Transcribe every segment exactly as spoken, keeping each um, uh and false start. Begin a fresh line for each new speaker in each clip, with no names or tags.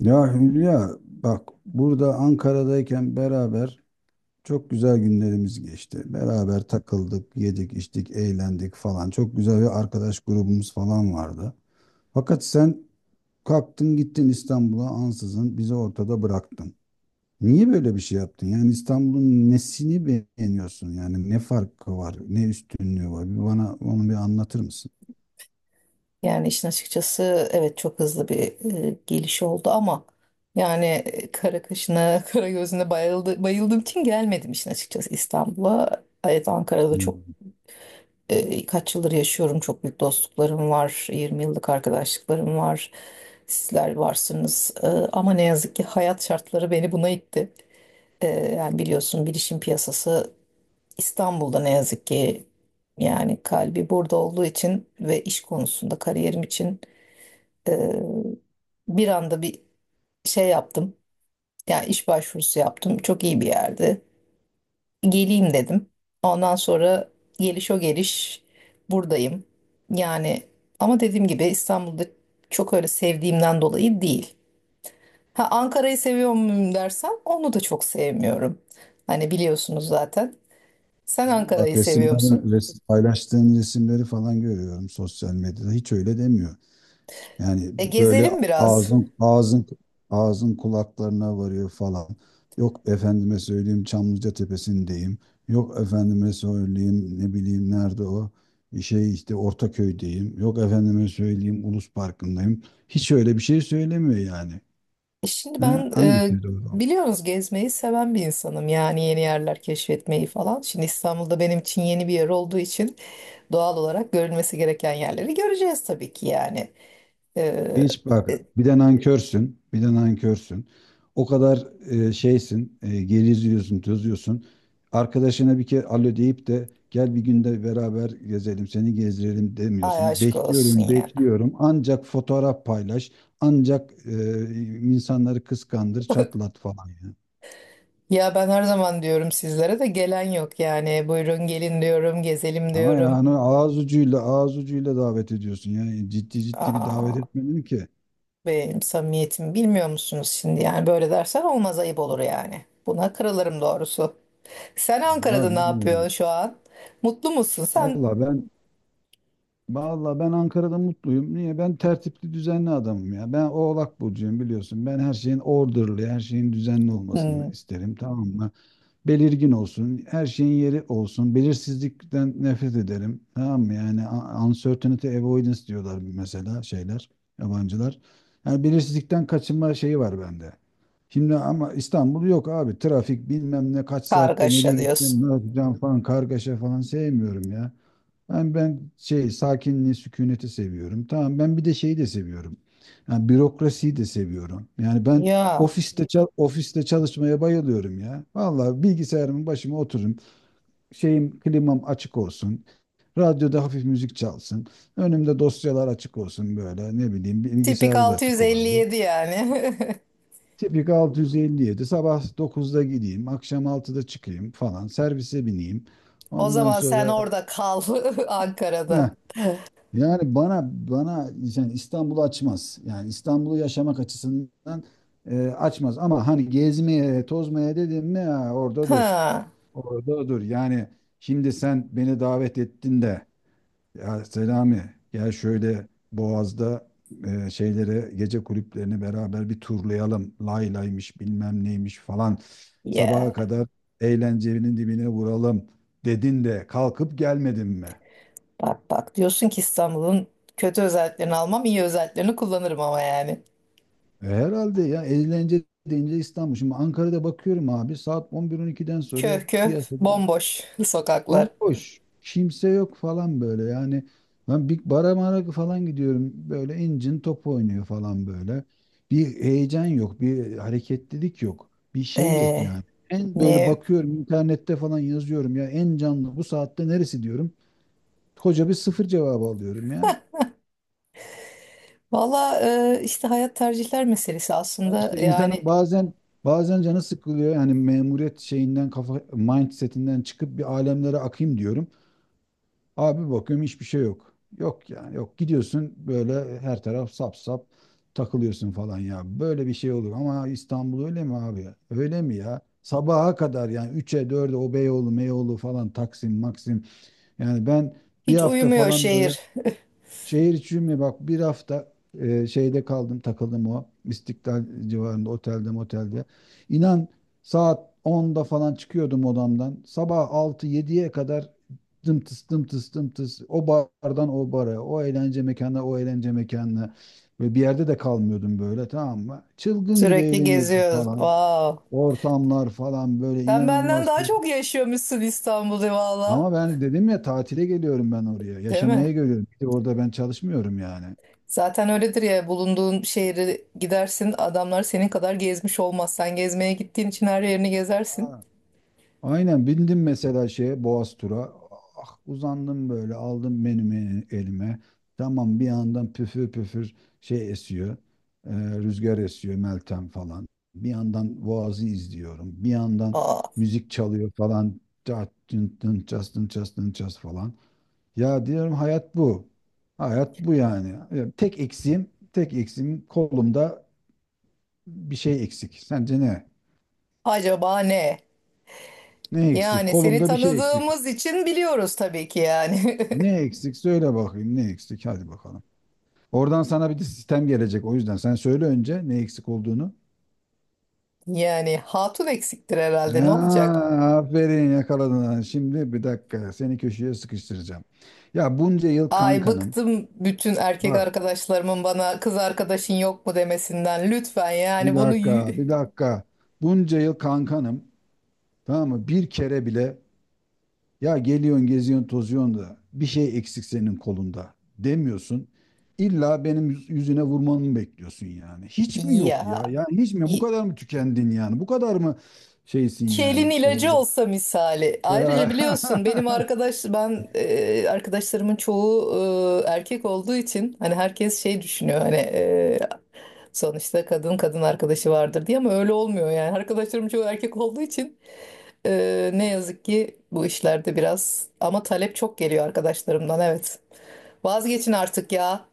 Ya Hülya bak burada Ankara'dayken beraber çok güzel günlerimiz geçti. Beraber takıldık, yedik, içtik, eğlendik falan. Çok güzel bir arkadaş grubumuz falan vardı. Fakat sen kalktın gittin İstanbul'a ansızın bizi ortada bıraktın. Niye böyle bir şey yaptın? Yani İstanbul'un nesini beğeniyorsun? Yani ne farkı var, ne üstünlüğü var? Bir bana onu bir anlatır mısın?
Yani işin açıkçası evet çok hızlı bir e, geliş oldu ama yani e, kara kaşına, kara gözüne bayıldı, bayıldığım için gelmedim işin açıkçası İstanbul'a. Evet Ankara'da çok
Hmm.
e, kaç yıldır yaşıyorum. Çok büyük dostluklarım var. yirmi yıllık arkadaşlıklarım var. Sizler varsınız. E, ama ne yazık ki hayat şartları beni buna itti. E, yani biliyorsun bilişim piyasası İstanbul'da ne yazık ki yani kalbi burada olduğu için ve iş konusunda kariyerim için ee, bir anda bir şey yaptım. Yani iş başvurusu yaptım. Çok iyi bir yerde. Geleyim dedim. Ondan sonra geliş o geliş buradayım. Yani ama dediğim gibi İstanbul'da çok öyle sevdiğimden dolayı değil. Ha Ankara'yı seviyor muyum dersen onu da çok sevmiyorum. Hani biliyorsunuz zaten. Sen
Ama bak
Ankara'yı seviyor
resimler,
musun?
resim, paylaştığın resimleri falan görüyorum sosyal medyada. Hiç öyle demiyor. Yani
E
böyle
gezelim biraz.
ağzın ağzın ağzın kulaklarına varıyor falan. Yok efendime söyleyeyim Çamlıca Tepesi'ndeyim. Yok efendime söyleyeyim ne bileyim nerede o şey işte Ortaköy'deyim. Yok efendime söyleyeyim Ulus Parkı'ndayım. Hiç öyle bir şey söylemiyor yani.
Şimdi
He?
ben e,
Hangisi doğru?
biliyorsunuz gezmeyi seven bir insanım. Yani yeni yerler keşfetmeyi falan. Şimdi İstanbul'da benim için yeni bir yer olduğu için doğal olarak görülmesi gereken yerleri göreceğiz tabii ki yani. E,
Hiç bak
e,
bir de nankörsün, bir de nankörsün. O kadar e, şeysin, e, geriziyorsun, tozuyorsun. Arkadaşına bir kere alo deyip de gel bir günde beraber gezelim, seni gezdirelim
ay
demiyorsun.
aşk olsun
Bekliyorum,
ya.
bekliyorum. Ancak fotoğraf paylaş, ancak e, insanları kıskandır, çatlat falan ya.
Ya ben her zaman diyorum sizlere de gelen yok yani. Buyurun gelin diyorum, gezelim
Ama
diyorum.
yani ağız ucuyla, ağız ucuyla davet ediyorsun. Yani ciddi ciddi bir davet
Aa,
etmedin ki.
benim samimiyetim bilmiyor musunuz şimdi? Yani böyle dersen olmaz ayıp olur yani. Buna kırılırım doğrusu. Sen Ankara'da
Vallahi
ne yapıyorsun
bilmiyorum.
şu an? Mutlu musun? Sen
Vallahi ben Vallahi ben Ankara'da mutluyum. Niye? Ben tertipli düzenli adamım ya. Ben Oğlak burcuyum biliyorsun. Ben her şeyin orderly, her şeyin düzenli olmasını
hmm,
isterim, tamam mı? Belirgin olsun, her şeyin yeri olsun. Belirsizlikten nefret ederim. Tamam mı? Yani a- uncertainty avoidance diyorlar mesela şeyler, yabancılar. Yani belirsizlikten kaçınma şeyi var bende. Şimdi ama İstanbul yok abi. Trafik bilmem ne kaç saatte nereye
kargaşa diyorsun.
gideceğim, ne yapacağım falan kargaşa falan sevmiyorum ya. Ben, ben şey sakinliği, sükuneti seviyorum. Tamam ben bir de şeyi de seviyorum. Yani bürokrasiyi de seviyorum. Yani ben
Ya
ofiste çal- ofiste çalışmaya bayılıyorum ya. Vallahi bilgisayarımın başıma otururum. Şeyim klimam açık olsun. Radyoda hafif müzik çalsın. Önümde dosyalar açık olsun böyle. Ne bileyim
tipik
bilgisayarda da açık olabilir.
altı yüz elli yedi yani.
Tipik altı yüz elli yedi sabah dokuzda gideyim, akşam altıda çıkayım falan. Servise bineyim.
O
Ondan
zaman sen
sonra
orada kal. Ankara'da.
Heh, yani bana bana yani İstanbul'u açmaz. Yani İstanbul'u yaşamak açısından e, açmaz. Ama hani gezmeye, tozmaya dedim mi ha, orada dur.
Ha,
Orada dur. Yani şimdi sen beni davet ettin de ya Selami gel şöyle Boğaz'da e, şeylere gece kulüplerini beraber bir turlayalım. Lay laymış bilmem neymiş falan. Sabaha
ya
kadar eğlencenin dibine vuralım dedin de kalkıp gelmedin mi?
bak bak diyorsun ki İstanbul'un kötü özelliklerini almam iyi özelliklerini kullanırım ama yani.
E, Herhalde ya, eğlence deyince İstanbul. Şimdi Ankara'da bakıyorum abi saat on bir on ikiden sonra
Köh köh
piyasa böyle.
bomboş sokaklar.
Bomboş. Kimse yok falan böyle yani. Ben bir bara mara falan gidiyorum böyle incin top oynuyor falan böyle. Bir heyecan yok, bir hareketlilik yok, bir şey yok
Ee,
yani. En böyle
ne
bakıyorum internette falan yazıyorum ya en canlı bu saatte neresi diyorum. Koca bir sıfır cevabı alıyorum ya.
valla e, işte hayat tercihler meselesi
Ya
aslında
işte
yani
insanın bazen bazen canı sıkılıyor. Yani memuriyet şeyinden kafa mindsetinden çıkıp bir alemlere akayım diyorum. Abi bakıyorum hiçbir şey yok. Yok yani yok. Gidiyorsun böyle her taraf sap sap takılıyorsun falan ya. Böyle bir şey olur ama İstanbul öyle mi abi? Öyle mi ya? Sabaha kadar yani üçe dörde o Beyoğlu, Meyoğlu falan Taksim, Maksim. Yani ben bir
hiç
hafta
uyumuyor
falan böyle
şehir.
şehir içi mi bak bir hafta e, şeyde kaldım takıldım o İstiklal civarında otelde motelde. İnan saat onda falan çıkıyordum odamdan. Sabah altı yediye kadar dımtıs dımtıs dımtıs o bardan o bara o eğlence mekanına o eğlence mekanına ve bir yerde de kalmıyordum böyle tamam mı? Çılgın gibi
Sürekli
eğleniyordum
geziyoruz.
falan.
Wow.
Ortamlar falan böyle
Sen benden
inanılmaz
daha
kız.
çok yaşıyormuşsun İstanbul'da valla.
Ama ben dedim ya tatile geliyorum ben oraya.
Değil mi?
Yaşamaya geliyorum. Bir de orada ben çalışmıyorum yani.
Zaten öyledir ya bulunduğun şehre gidersin adamlar senin kadar gezmiş olmaz. Sen gezmeye gittiğin için her yerini gezersin.
Aynen bindim mesela şeye Boğaz tura. Ah, uzandım böyle aldım menümü elime. Tamam bir yandan püfür püfür şey esiyor. e, Rüzgar esiyor Meltem falan. Bir yandan Boğaz'ı izliyorum. Bir yandan
Aa,
müzik çalıyor falan. Çat, tın, tın, ças, tın, ças, tın, ças falan. Ya diyorum hayat bu. Hayat bu yani. Ya tek eksiğim, tek eksiğim kolumda bir şey eksik. Sence ne?
acaba ne?
Ne eksik?
Yani seni
Kolumda bir şey eksik.
tanıdığımız için biliyoruz tabii ki yani.
Ne eksik söyle bakayım ne eksik hadi bakalım. Oradan sana bir de sistem gelecek o yüzden sen söyle önce ne eksik olduğunu.
Yani hatun eksiktir herhalde ne
Ha,
olacak?
aferin yakaladın. Ha, şimdi bir dakika seni köşeye sıkıştıracağım. Ya bunca yıl
Ay
kankanım.
bıktım bütün erkek
Bak
arkadaşlarımın bana kız arkadaşın yok mu demesinden. Lütfen yani
bir
bunu
dakika
y-
bir dakika. Bunca yıl kankanım. Tamam mı? Bir kere bile ya geliyorsun, geziyorsun, tozuyorsun da bir şey eksik senin kolunda demiyorsun. İlla benim yüz- yüzüne vurmanı bekliyorsun yani. Hiç mi yok
ya.
ya? Ya hiç mi? Bu
İki
kadar mı tükendin yani? Bu kadar mı şeysin
elin
yani? Ee,
ilacı olsa misali. Ayrıca biliyorsun
ya,
benim arkadaş ben e, arkadaşlarımın çoğu e, erkek olduğu için hani herkes şey düşünüyor hani e, sonuçta kadın kadın arkadaşı vardır diye ama öyle olmuyor yani. Arkadaşlarım çoğu erkek olduğu için e, ne yazık ki bu işlerde biraz ama talep çok geliyor arkadaşlarımdan evet. Vazgeçin artık ya.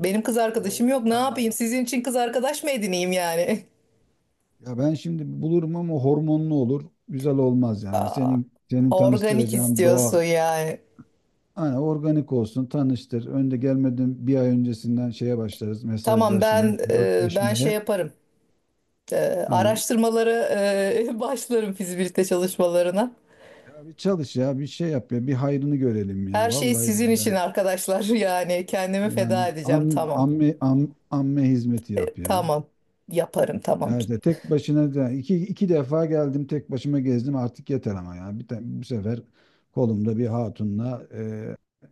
Benim kız
ya
arkadaşım
olmuyor
yok. Ne
ama
yapayım?
ya.
Sizin için kız arkadaş mı edineyim yani?
Ya ben şimdi bulurum ama hormonlu olur. Güzel olmaz yani.
Aa,
Senin senin
organik
tanıştıracağın doğal,
istiyorsun yani.
hani organik olsun, tanıştır. Önde gelmeden bir ay öncesinden şeye başlarız
Tamam
mesajlaşmaya,
ben e, ben şey
flörtleşmeye.
yaparım. E,
Ha,
araştırmalara e, başlarım fizibilite çalışmalarına.
ya bir çalış ya bir şey yap ya bir hayrını görelim ya
Her şey
vallahi
sizin
billahi.
için arkadaşlar. Yani kendimi
Yani
feda edeceğim.
am,
Tamam.
amme, am, amme hizmeti yap ya.
Tamam. Yaparım tamam.
Evet evet, tek başına da iki, iki defa geldim tek başıma gezdim artık yeter ama ya bir te- bu sefer kolumda bir hatunla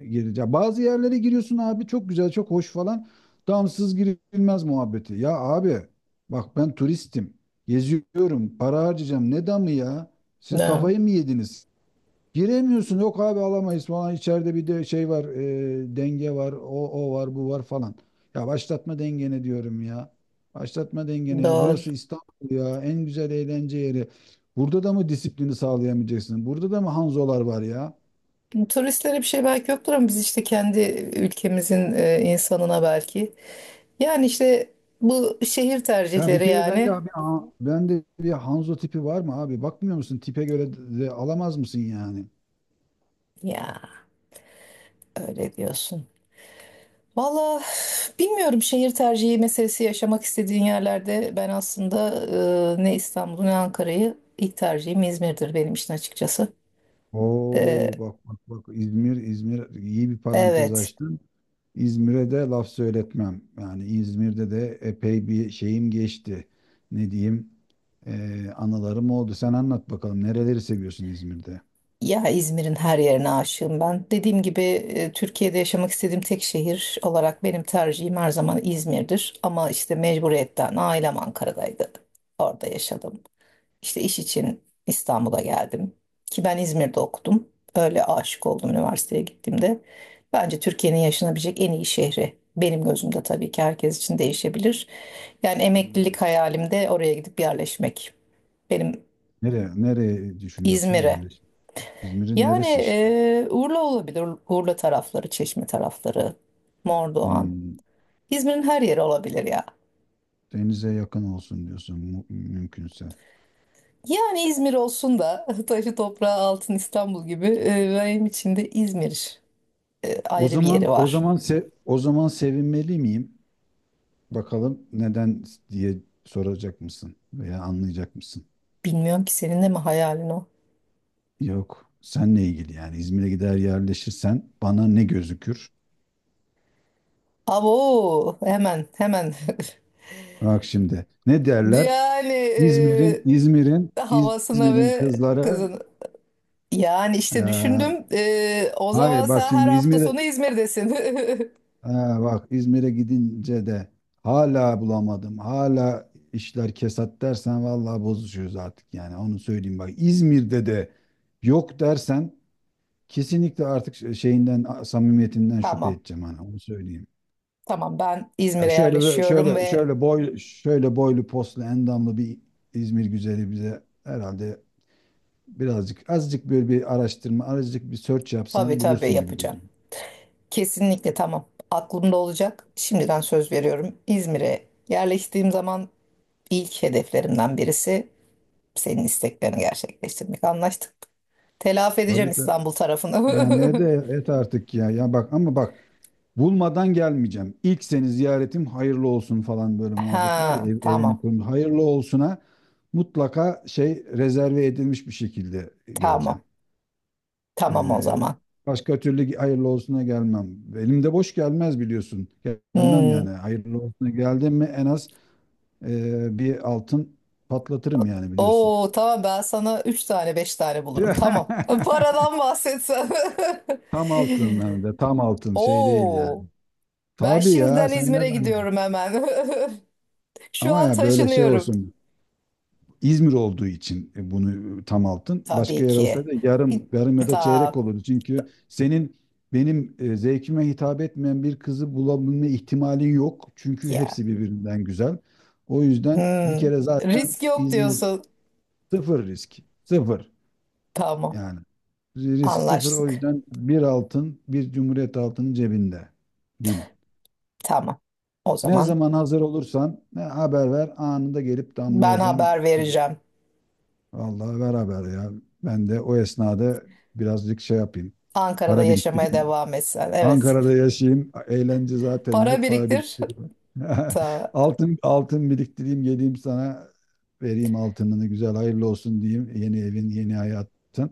e, gireceğim. Bazı yerlere giriyorsun abi çok güzel çok hoş falan damsız girilmez muhabbeti. Ya abi bak ben turistim geziyorum para harcayacağım ne damı ya siz
Ne?
kafayı mı yediniz? Giremiyorsun. Yok abi alamayız falan. İçeride bir de şey var. E, denge var. O, o var bu var falan. Ya başlatma dengeni diyorum ya. Başlatma dengeni ya.
Doğru.
Burası İstanbul ya. En güzel eğlence yeri. Burada da mı disiplini sağlayamayacaksın? Burada da mı Hanzolar var ya?
Turistlere bir şey belki yoktur ama biz işte kendi ülkemizin e, insanına belki. Yani işte bu şehir
Ya bir
tercihleri
kere bende
yani.
abi ben de bir Hanzo tipi var mı abi? Bakmıyor musun? Tipe göre de alamaz mısın yani?
Ya öyle diyorsun. Valla bilmiyorum şehir tercihi meselesi yaşamak istediğin yerlerde ben aslında e, ne İstanbul'u ne Ankara'yı ilk tercihim İzmir'dir benim için açıkçası.
Oo
E,
bak bak bak, İzmir İzmir iyi bir parantez
evet,
açtın. İzmir'e de laf söyletmem. Yani İzmir'de de epey bir şeyim geçti. Ne diyeyim? Ee, anılarım oldu. Sen anlat bakalım nereleri seviyorsun İzmir'de?
ya İzmir'in her yerine aşığım ben. Dediğim gibi e, Türkiye'de yaşamak istediğim tek şehir olarak benim tercihim her zaman İzmir'dir. Ama işte mecburiyetten ailem Ankara'daydı. Orada yaşadım. İşte iş için İstanbul'a geldim. Ki ben İzmir'de okudum. Öyle aşık oldum üniversiteye gittiğimde. Bence Türkiye'nin yaşanabilecek en iyi şehri. Benim gözümde tabii ki herkes için değişebilir. Yani
Hmm.
emeklilik hayalim de oraya gidip yerleşmek. Benim
Nereye, nereye düşünüyorsun
İzmir'e.
yerleşim? İzmir'in
Yani
neresi işte?
e, Urla olabilir. Urla tarafları, Çeşme tarafları, Mordoğan.
Hmm,
İzmir'in her yeri olabilir ya.
denize yakın olsun diyorsun mu- mümkünse.
Yani İzmir olsun da taşı toprağı altın İstanbul gibi e, benim için de İzmir e,
O
ayrı bir
zaman
yeri
o
var.
zaman se- o zaman sevinmeli miyim? Bakalım neden diye soracak mısın veya anlayacak mısın?
Bilmiyorum ki senin de mi hayalin o?
Yok, senle ilgili yani İzmir'e gider yerleşirsen bana ne gözükür?
Abo hemen hemen
Bak şimdi ne derler?
yani
İzmir'in İzmir'in
e, havasına
İzmir'in
ve
kızları.
kızın. Yani işte
eee,
düşündüm e, o zaman
hayır bak
sen her
şimdi
hafta
İzmir'e
sonu İzmir'desin.
eee, bak İzmir'e gidince de hala bulamadım. Hala işler kesat dersen vallahi bozuşuyoruz artık yani onu söyleyeyim bak İzmir'de de yok dersen kesinlikle artık şeyinden samimiyetinden şüphe
Tamam
edeceğim hani onu söyleyeyim.
tamam ben
Ya
İzmir'e
şöyle böyle
yerleşiyorum
şöyle
ve
şöyle boy şöyle boylu poslu endamlı bir İzmir güzeli bize herhalde birazcık azıcık böyle bir araştırma azıcık bir search
tabii
yapsan
tabii
bulursun gibi
yapacağım.
geliyor.
Kesinlikle tamam aklımda olacak. Şimdiden söz veriyorum İzmir'e yerleştiğim zaman ilk hedeflerimden birisi senin isteklerini gerçekleştirmek. Anlaştık. Telafi edeceğim
Tabii tabii.
İstanbul
Yani et,
tarafını.
et artık ya. Ya bak ama bak bulmadan gelmeyeceğim. İlk seni ziyaretim hayırlı olsun falan böyle muhabbet var ya
Ha,
ev,
tamam.
evini kurmuş. Hayırlı olsuna mutlaka şey rezerve edilmiş bir şekilde geleceğim.
Tamam. Tamam o
Ee,
zaman.
başka türlü hayırlı olsuna gelmem. Elimde boş gelmez biliyorsun. Gel- Gelmem
Hmm.
yani. Hayırlı olsuna geldim mi en az e, bir altın patlatırım yani biliyorsun.
Oo, tamam ben sana üç tane beş tane bulurum. Tamam. Paradan bahsetsen.
Tam altın, hem de tam altın şey değil yani.
Oo, ben
Tabii ya
şimdiden
sen ne
İzmir'e
zannediyorsun?
gidiyorum hemen. Şu
Ama
an
ya böyle şey
taşınıyorum.
olsun. İzmir olduğu için e, bunu e, tam altın. Başka
Tabii
yer
ki.
olsaydı yarım, yarım ya da çeyrek
Ta
olurdu. Çünkü senin benim e, zevkime hitap etmeyen bir kızı bulabilme ihtimalin yok. Çünkü
ya.
hepsi birbirinden güzel. O yüzden bir
Hmm.
kere zaten
Risk yok
İzmir
diyorsun.
sıfır risk. Sıfır
Tamam.
yani. Risk sıfır o
Anlaştık.
yüzden bir altın, bir cumhuriyet altının cebinde. Bil.
Tamam. O
Ne
zaman
zaman hazır olursan ne haber ver anında gelip
ben
damlayacağım.
haber
e,
vereceğim.
Vallahi beraber ya. Ben de o esnada birazcık şey yapayım.
Ankara'da
Para
yaşamaya
biriktireyim.
devam etsen.
Ankara'da
Evet.
yaşayayım. Eğlence zaten
Para
yok. Para
biriktir.
biriktireyim.
Ta,
Altın altın biriktireyim. Geleyim sana vereyim altınını. Güzel hayırlı olsun diyeyim. Yeni evin, yeni hayatın.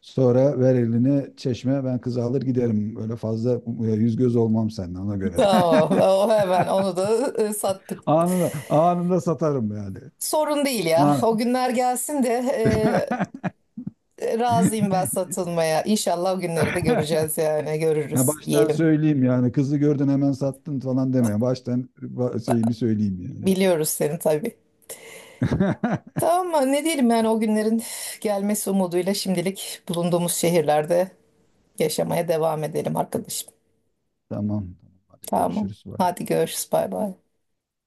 Sonra ver elini çeşme. Ben kızı alır giderim. Öyle fazla e, yüz göz olmam seninle ona göre.
tamam. O hemen onu da e, sattık.
Anında, anında satarım yani.
Sorun değil ya.
Ha.
O günler gelsin de e, razıyım ben satılmaya. İnşallah o günleri de göreceğiz yani.
Ha
Görürüz
baştan
diyelim.
söyleyeyim yani kızı gördün hemen sattın falan deme. Baştan ba- şeyimi söyleyeyim yani.
Biliyoruz seni tabii. Tamam mı? Ne diyelim yani o günlerin gelmesi umuduyla şimdilik bulunduğumuz şehirlerde yaşamaya devam edelim arkadaşım.
Tamam. Hadi
Tamam.
görüşürüz. Bye.
Hadi görüşürüz. Bay bay.